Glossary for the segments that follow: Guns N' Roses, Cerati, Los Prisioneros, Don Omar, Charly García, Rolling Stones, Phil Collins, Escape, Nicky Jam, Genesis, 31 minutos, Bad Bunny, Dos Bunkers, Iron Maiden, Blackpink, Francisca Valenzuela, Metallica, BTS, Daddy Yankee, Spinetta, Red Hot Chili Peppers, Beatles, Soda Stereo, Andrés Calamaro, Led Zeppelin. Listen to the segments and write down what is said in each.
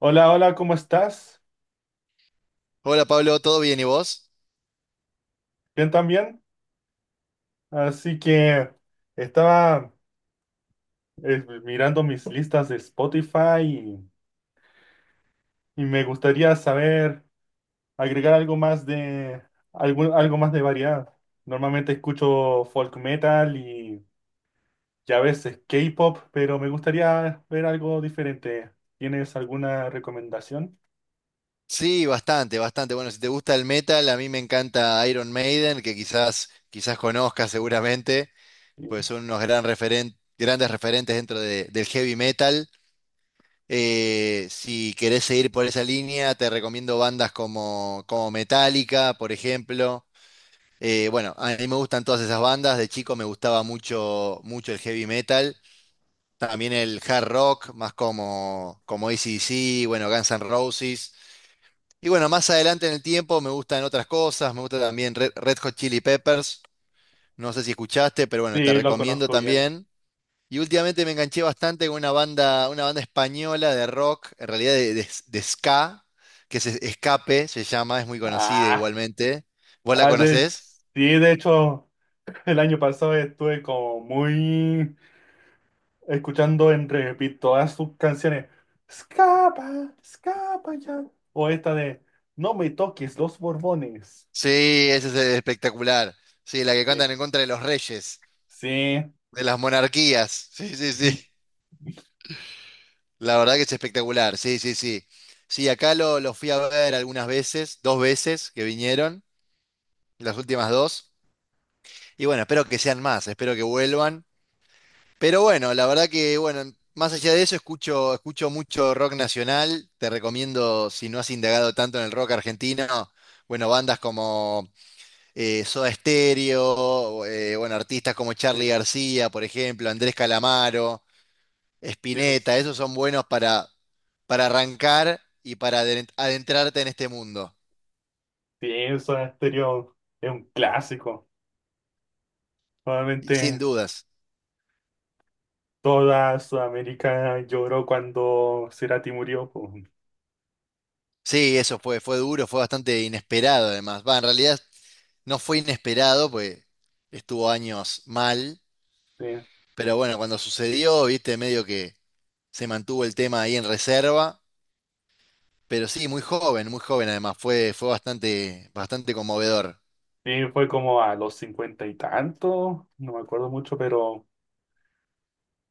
Hola, hola, ¿cómo estás? Hola Pablo, ¿todo bien y vos? Bien también. Así que estaba mirando mis listas de Spotify, y me gustaría saber agregar algo más de algo más de variedad. Normalmente escucho folk metal y, ya a veces K-pop, pero me gustaría ver algo diferente. ¿Tienes alguna recomendación? Sí, bastante, bastante. Bueno, si te gusta el metal, a mí me encanta Iron Maiden, que quizás conozcas seguramente, Sí, pues son unos grandes referentes dentro del heavy metal. Si querés seguir por esa línea, te recomiendo bandas como Metallica, por ejemplo. Bueno, a mí me gustan todas esas bandas. De chico me gustaba mucho el heavy metal. También el hard rock, más como, como ac bueno, Guns N' Roses. Y bueno, más adelante en el tiempo me gustan otras cosas, me gusta también Red Hot Chili Peppers, no sé si escuchaste, pero bueno, te sí, lo recomiendo conozco bien. también. Y últimamente me enganché bastante con una banda española de rock, en realidad de ska, que es Escape, se llama, es muy conocida Ah, igualmente. ¿Vos la ah, sí, conocés? de hecho, el año pasado estuve como muy escuchando en repeat todas sus canciones. Escapa, escapa ya. O esta de No me toques los Borbones. Sí, esa es espectacular. Sí, la que Sí, cantan en contra de los reyes, sí, de las monarquías. Sí, sí, sí. mm, La verdad que es espectacular, sí, sí, sí. Sí, acá lo fui a ver algunas veces, dos veces que vinieron, las últimas dos. Y bueno, espero que sean más, espero que vuelvan. Pero bueno, la verdad que, bueno, más allá de eso, escucho mucho rock nacional. Te recomiendo, si no has indagado tanto en el rock argentino, bueno, bandas como Soda Stereo, bueno, artistas como Charly sí, García, por ejemplo, Andrés Calamaro, Spinetta, Dios, esos son buenos para arrancar y para adentrarte en este mundo, sí, Soda Stereo es un clásico. y sin Probablemente dudas. toda Sudamérica lloró cuando Cerati murió. Po. Sí, eso fue, fue duro, fue bastante inesperado además. Va, en realidad no fue inesperado, pues estuvo años mal, Sí, pero bueno, cuando sucedió, viste, medio que se mantuvo el tema ahí en reserva, pero sí, muy joven además, fue, fue bastante, bastante conmovedor. sí, fue como a los cincuenta y tanto, no me acuerdo mucho, pero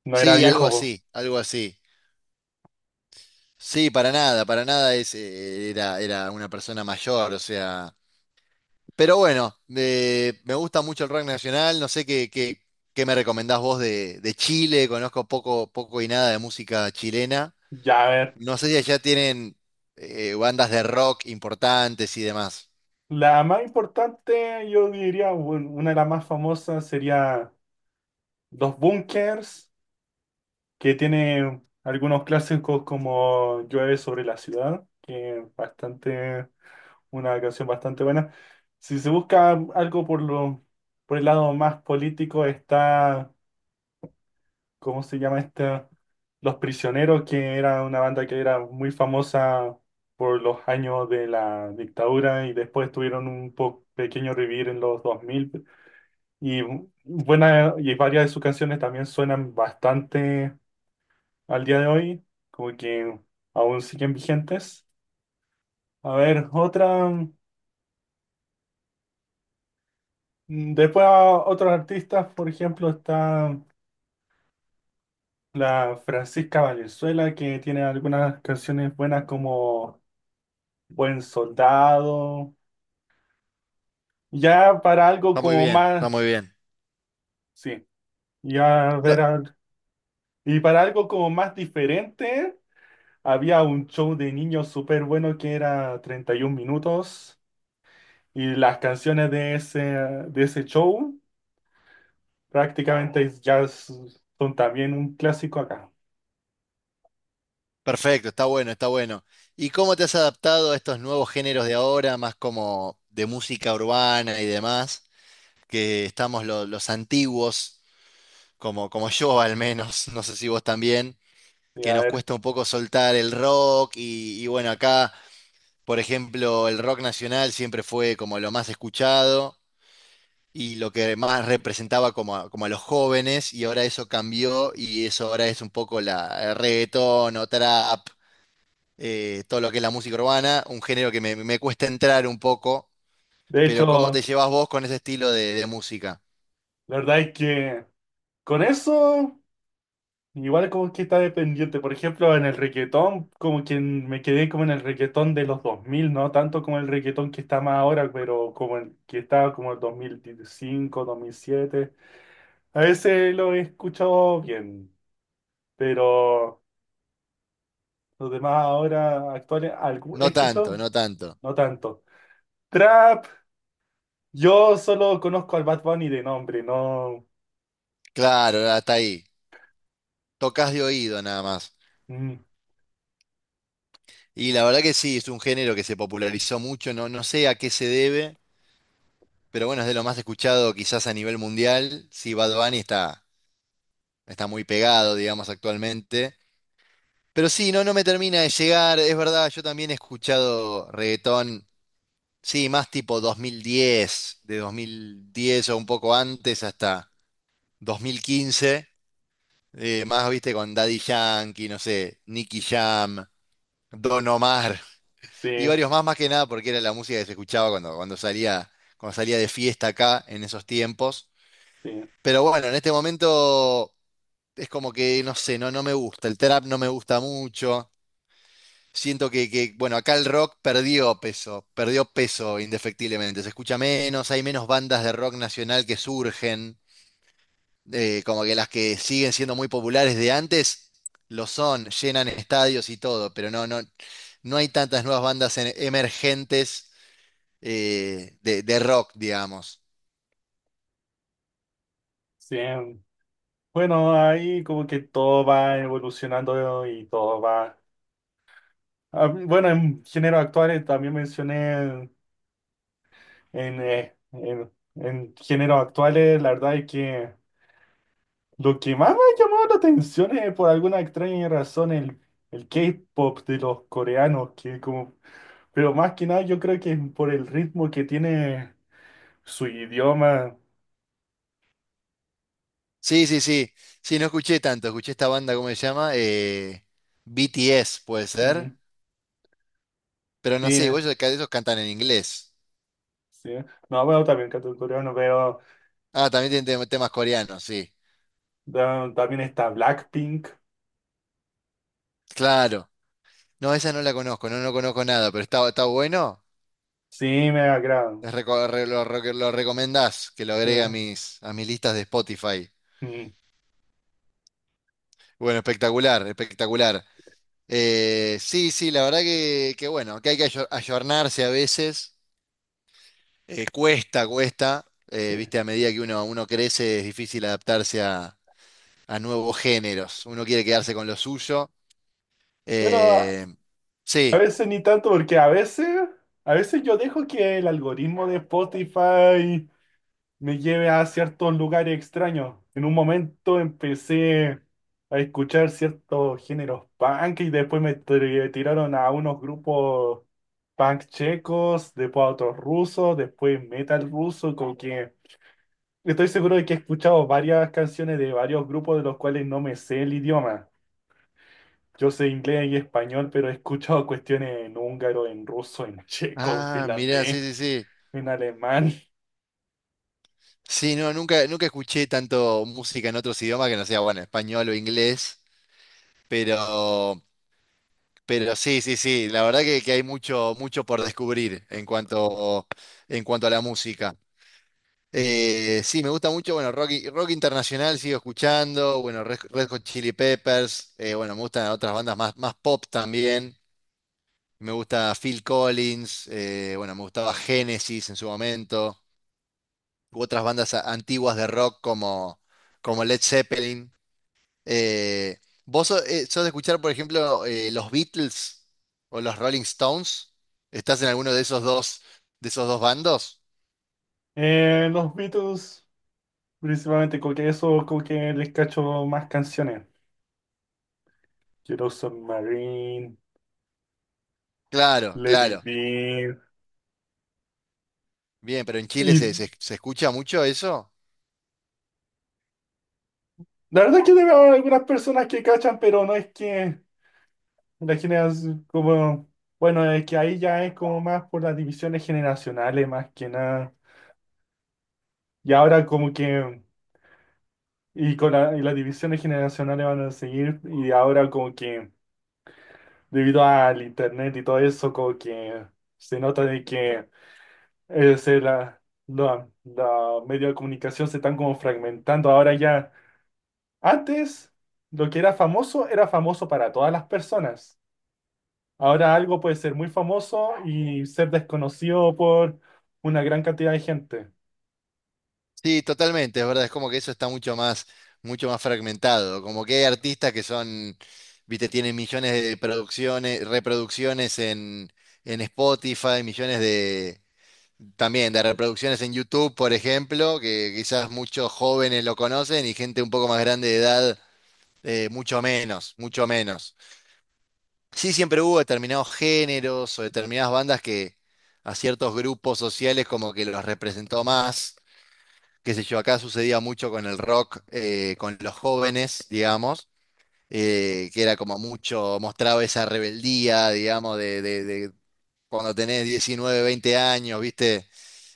no era Sí, algo viejo. Po. así, algo así. Sí, para nada es, era, era una persona mayor, o sea... Pero bueno, me gusta mucho el rock nacional. No sé qué me recomendás vos de Chile. Conozco poco, poco y nada de música chilena. Ya, a ver. No sé si allá tienen bandas de rock importantes y demás. La más importante, yo diría, bueno, una de las más famosas sería Dos Bunkers, que tiene algunos clásicos como Llueve sobre la ciudad, que es bastante, una canción bastante buena. Si se busca algo por el lado más político, está, ¿cómo se llama esta? Los Prisioneros, que era una banda que era muy famosa por los años de la dictadura y después tuvieron un pequeño revivir en los dos mil. Y buena, y varias de sus canciones también suenan bastante al día de hoy, como que aún siguen vigentes. A ver, otra, después a otros artistas, por ejemplo, está la Francisca Valenzuela, que tiene algunas canciones buenas como Buen Soldado, ya para algo Está muy como bien, más, está muy bien. sí, ya No, ver, y para algo como más diferente. Había un show de niños súper bueno que era 31 minutos, y las canciones de ese show prácticamente ya son también un clásico acá. perfecto, está bueno, está bueno. ¿Y cómo te has adaptado a estos nuevos géneros de ahora, más como de música urbana y demás? Que estamos los antiguos, como yo al menos, no sé si vos también Sí, que a nos ver, cuesta un poco soltar el rock y bueno, acá, por ejemplo, el rock nacional siempre fue como lo más escuchado y lo que más representaba como a, como a los jóvenes y ahora eso cambió y eso ahora es un poco el reggaetón o trap, todo lo que es la música urbana, un género que me cuesta entrar un poco, de pero ¿cómo te hecho, llevas vos con ese estilo de música? la verdad es que con eso igual como que está dependiente. Por ejemplo, en el reggaetón, como que me quedé como en el reggaetón de los dos mil, no tanto como el reggaetón que está más ahora, pero como el que estaba como el 2005, 2007. A veces lo he escuchado bien, pero los demás ahora actuales, he No tanto, escuchado, no tanto. no tanto. Trap, yo solo conozco al Bad Bunny de nombre, no. Claro, hasta ahí. Tocas de oído nada más. Mm, Y la verdad que sí, es un género que se popularizó mucho, no, no sé a qué se debe, pero bueno, es de lo más escuchado quizás a nivel mundial. Sí, Bad Bunny está, está muy pegado, digamos, actualmente. Pero sí, no, no me termina de llegar, es verdad, yo también he escuchado reggaetón, sí, más tipo 2010, de 2010 o un poco antes hasta 2015, más, viste, con Daddy Yankee, no sé, Nicky Jam, Don Omar, sí, y varios más, más que nada, porque era la música que se escuchaba cuando salía de fiesta acá en esos tiempos. sí, Pero bueno, en este momento es como que, no sé, no, no me gusta. El trap no me gusta mucho. Siento que, bueno, acá el rock perdió peso indefectiblemente. Se escucha menos, hay menos bandas de rock nacional que surgen. Como que las que siguen siendo muy populares de antes lo son, llenan estadios y todo, pero no, no, no hay tantas nuevas bandas emergentes de rock, digamos. sí. Bueno, ahí como que todo va evolucionando y todo va. Ah, bueno, en géneros actuales también mencioné en géneros actuales, la verdad es que. Lo que más me ha llamado la atención es, por alguna extraña razón, el K-pop de los coreanos, que como, pero más que nada yo creo que es por el ritmo que tiene su idioma. Sí, sí, sí. Sí, no escuché tanto. Escuché esta banda, ¿cómo se llama? BTS, puede ser. Mm, Pero no sí, sé, igual ellos, ellos cantan en inglés. sí. No, bueno, también canto coreano, pero Ah, también tienen temas coreanos, sí. También está Blackpink. Claro. No, esa no la conozco, no, no conozco nada, pero está, está bueno. Sí, me agrada. Les reco- re- lo recomendás que lo Sí. agregue a a mis listas de Spotify. Mm, Bueno, espectacular, espectacular. Sí, sí, la verdad que bueno, que hay que ayornarse a veces. Cuesta, cuesta. Sí. Viste, a medida que uno crece es difícil adaptarse a nuevos géneros. Uno quiere quedarse con lo suyo. Bueno, a Eh, sí. veces ni tanto, porque a veces, yo dejo que el algoritmo de Spotify me lleve a ciertos lugares extraños. En un momento empecé a escuchar ciertos géneros punk y después me tiraron a unos grupos punk checos, después a otros rusos, después metal ruso, como que estoy seguro de que he escuchado varias canciones de varios grupos de los cuales no me sé el idioma. Yo sé inglés y español, pero he escuchado cuestiones en húngaro, en ruso, en checo, en Ah, mirá, sí, finlandés, sí, sí. en alemán. Sí, no, nunca, nunca escuché tanto música en otros idiomas que no sea, bueno, español o inglés. Pero, pero sí, sí, sí. La verdad que hay mucho, mucho por descubrir en cuanto a la música. Sí, me gusta mucho, bueno, rock, rock internacional sigo escuchando, bueno, Red Hot Chili Peppers, bueno, me gustan otras bandas más, más pop también, me gusta Phil Collins, bueno, me gustaba Genesis en su momento, u otras bandas antiguas de rock como, como Led Zeppelin. Eh, ¿Vos sos, sos de escuchar, por ejemplo, los Beatles o los Rolling Stones? ¿Estás en alguno de esos dos bandos? Los Beatles. Principalmente con que eso, con que les cacho más canciones. Quiero Submarine, Claro, Let It claro. Be. Bien, pero en Chile Y se escucha mucho eso. la verdad es que tengo algunas personas que cachan, pero no es que la generación, como, bueno, es que ahí ya es como más por las divisiones generacionales, más que nada. Y ahora como que, y las divisiones generacionales van a seguir, y ahora como que, debido al internet y todo eso, como que se nota de que... Ese, la, medio de comunicación se están como fragmentando. Ahora ya, antes lo que era famoso para todas las personas. Ahora algo puede ser muy famoso y ser desconocido por una gran cantidad de gente. Sí, totalmente, es verdad, es como que eso está mucho más fragmentado. Como que hay artistas que son, viste, tienen millones de producciones, reproducciones en Spotify, millones de también de reproducciones en YouTube, por ejemplo, que quizás muchos jóvenes lo conocen y gente un poco más grande de edad, mucho menos, mucho menos. Sí, siempre hubo determinados géneros o determinadas bandas que a ciertos grupos sociales como que los representó más. Qué sé yo, acá sucedía mucho con el rock, con los jóvenes, digamos, que era como mucho, mostraba esa rebeldía, digamos, de cuando tenés 19, 20 años, ¿viste?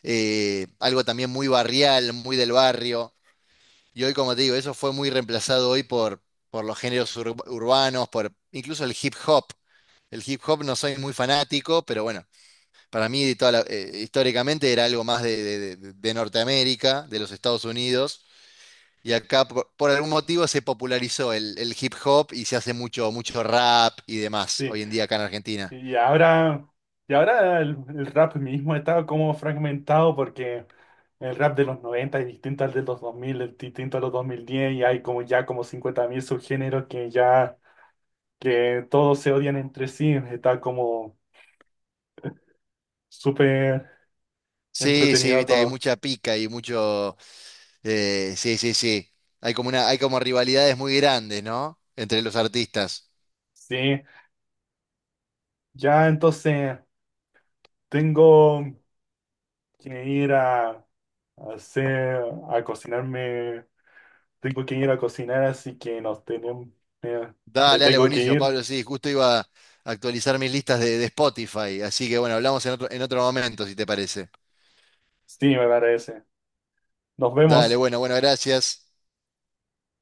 Algo también muy barrial, muy del barrio. Y hoy, como te digo, eso fue muy reemplazado hoy por los géneros urbanos, por incluso el hip hop. El hip hop no soy muy fanático, pero bueno, para mí históricamente era algo más de Norteamérica, de los Estados Unidos, y acá por algún motivo se popularizó el hip hop y se hace mucho, mucho rap y demás Sí. hoy en día acá en Argentina. Y ahora, y ahora el rap mismo está como fragmentado, porque el rap de los 90 es distinto al de los dos mil, es distinto a los 2010, y hay como ya como 50.000 subgéneros que ya... que todos se odian entre sí, está como súper Sí, sí, entretenido viste, hay todo. mucha pica y mucho... sí, sí, sí. Hay como una, hay como rivalidades muy grandes, ¿no? Entre los artistas. Sí, ya entonces tengo que ir a hacer, a cocinarme, tengo que ir a cocinar, así que nos tenemos, eh, me Dale, dale, tengo que buenísimo, ir. Pablo. Sí, justo iba a actualizar mis listas de Spotify. Así que bueno, hablamos en otro momento, si te parece. Sí, me parece. Nos Dale, vemos. bueno, bueno, gracias.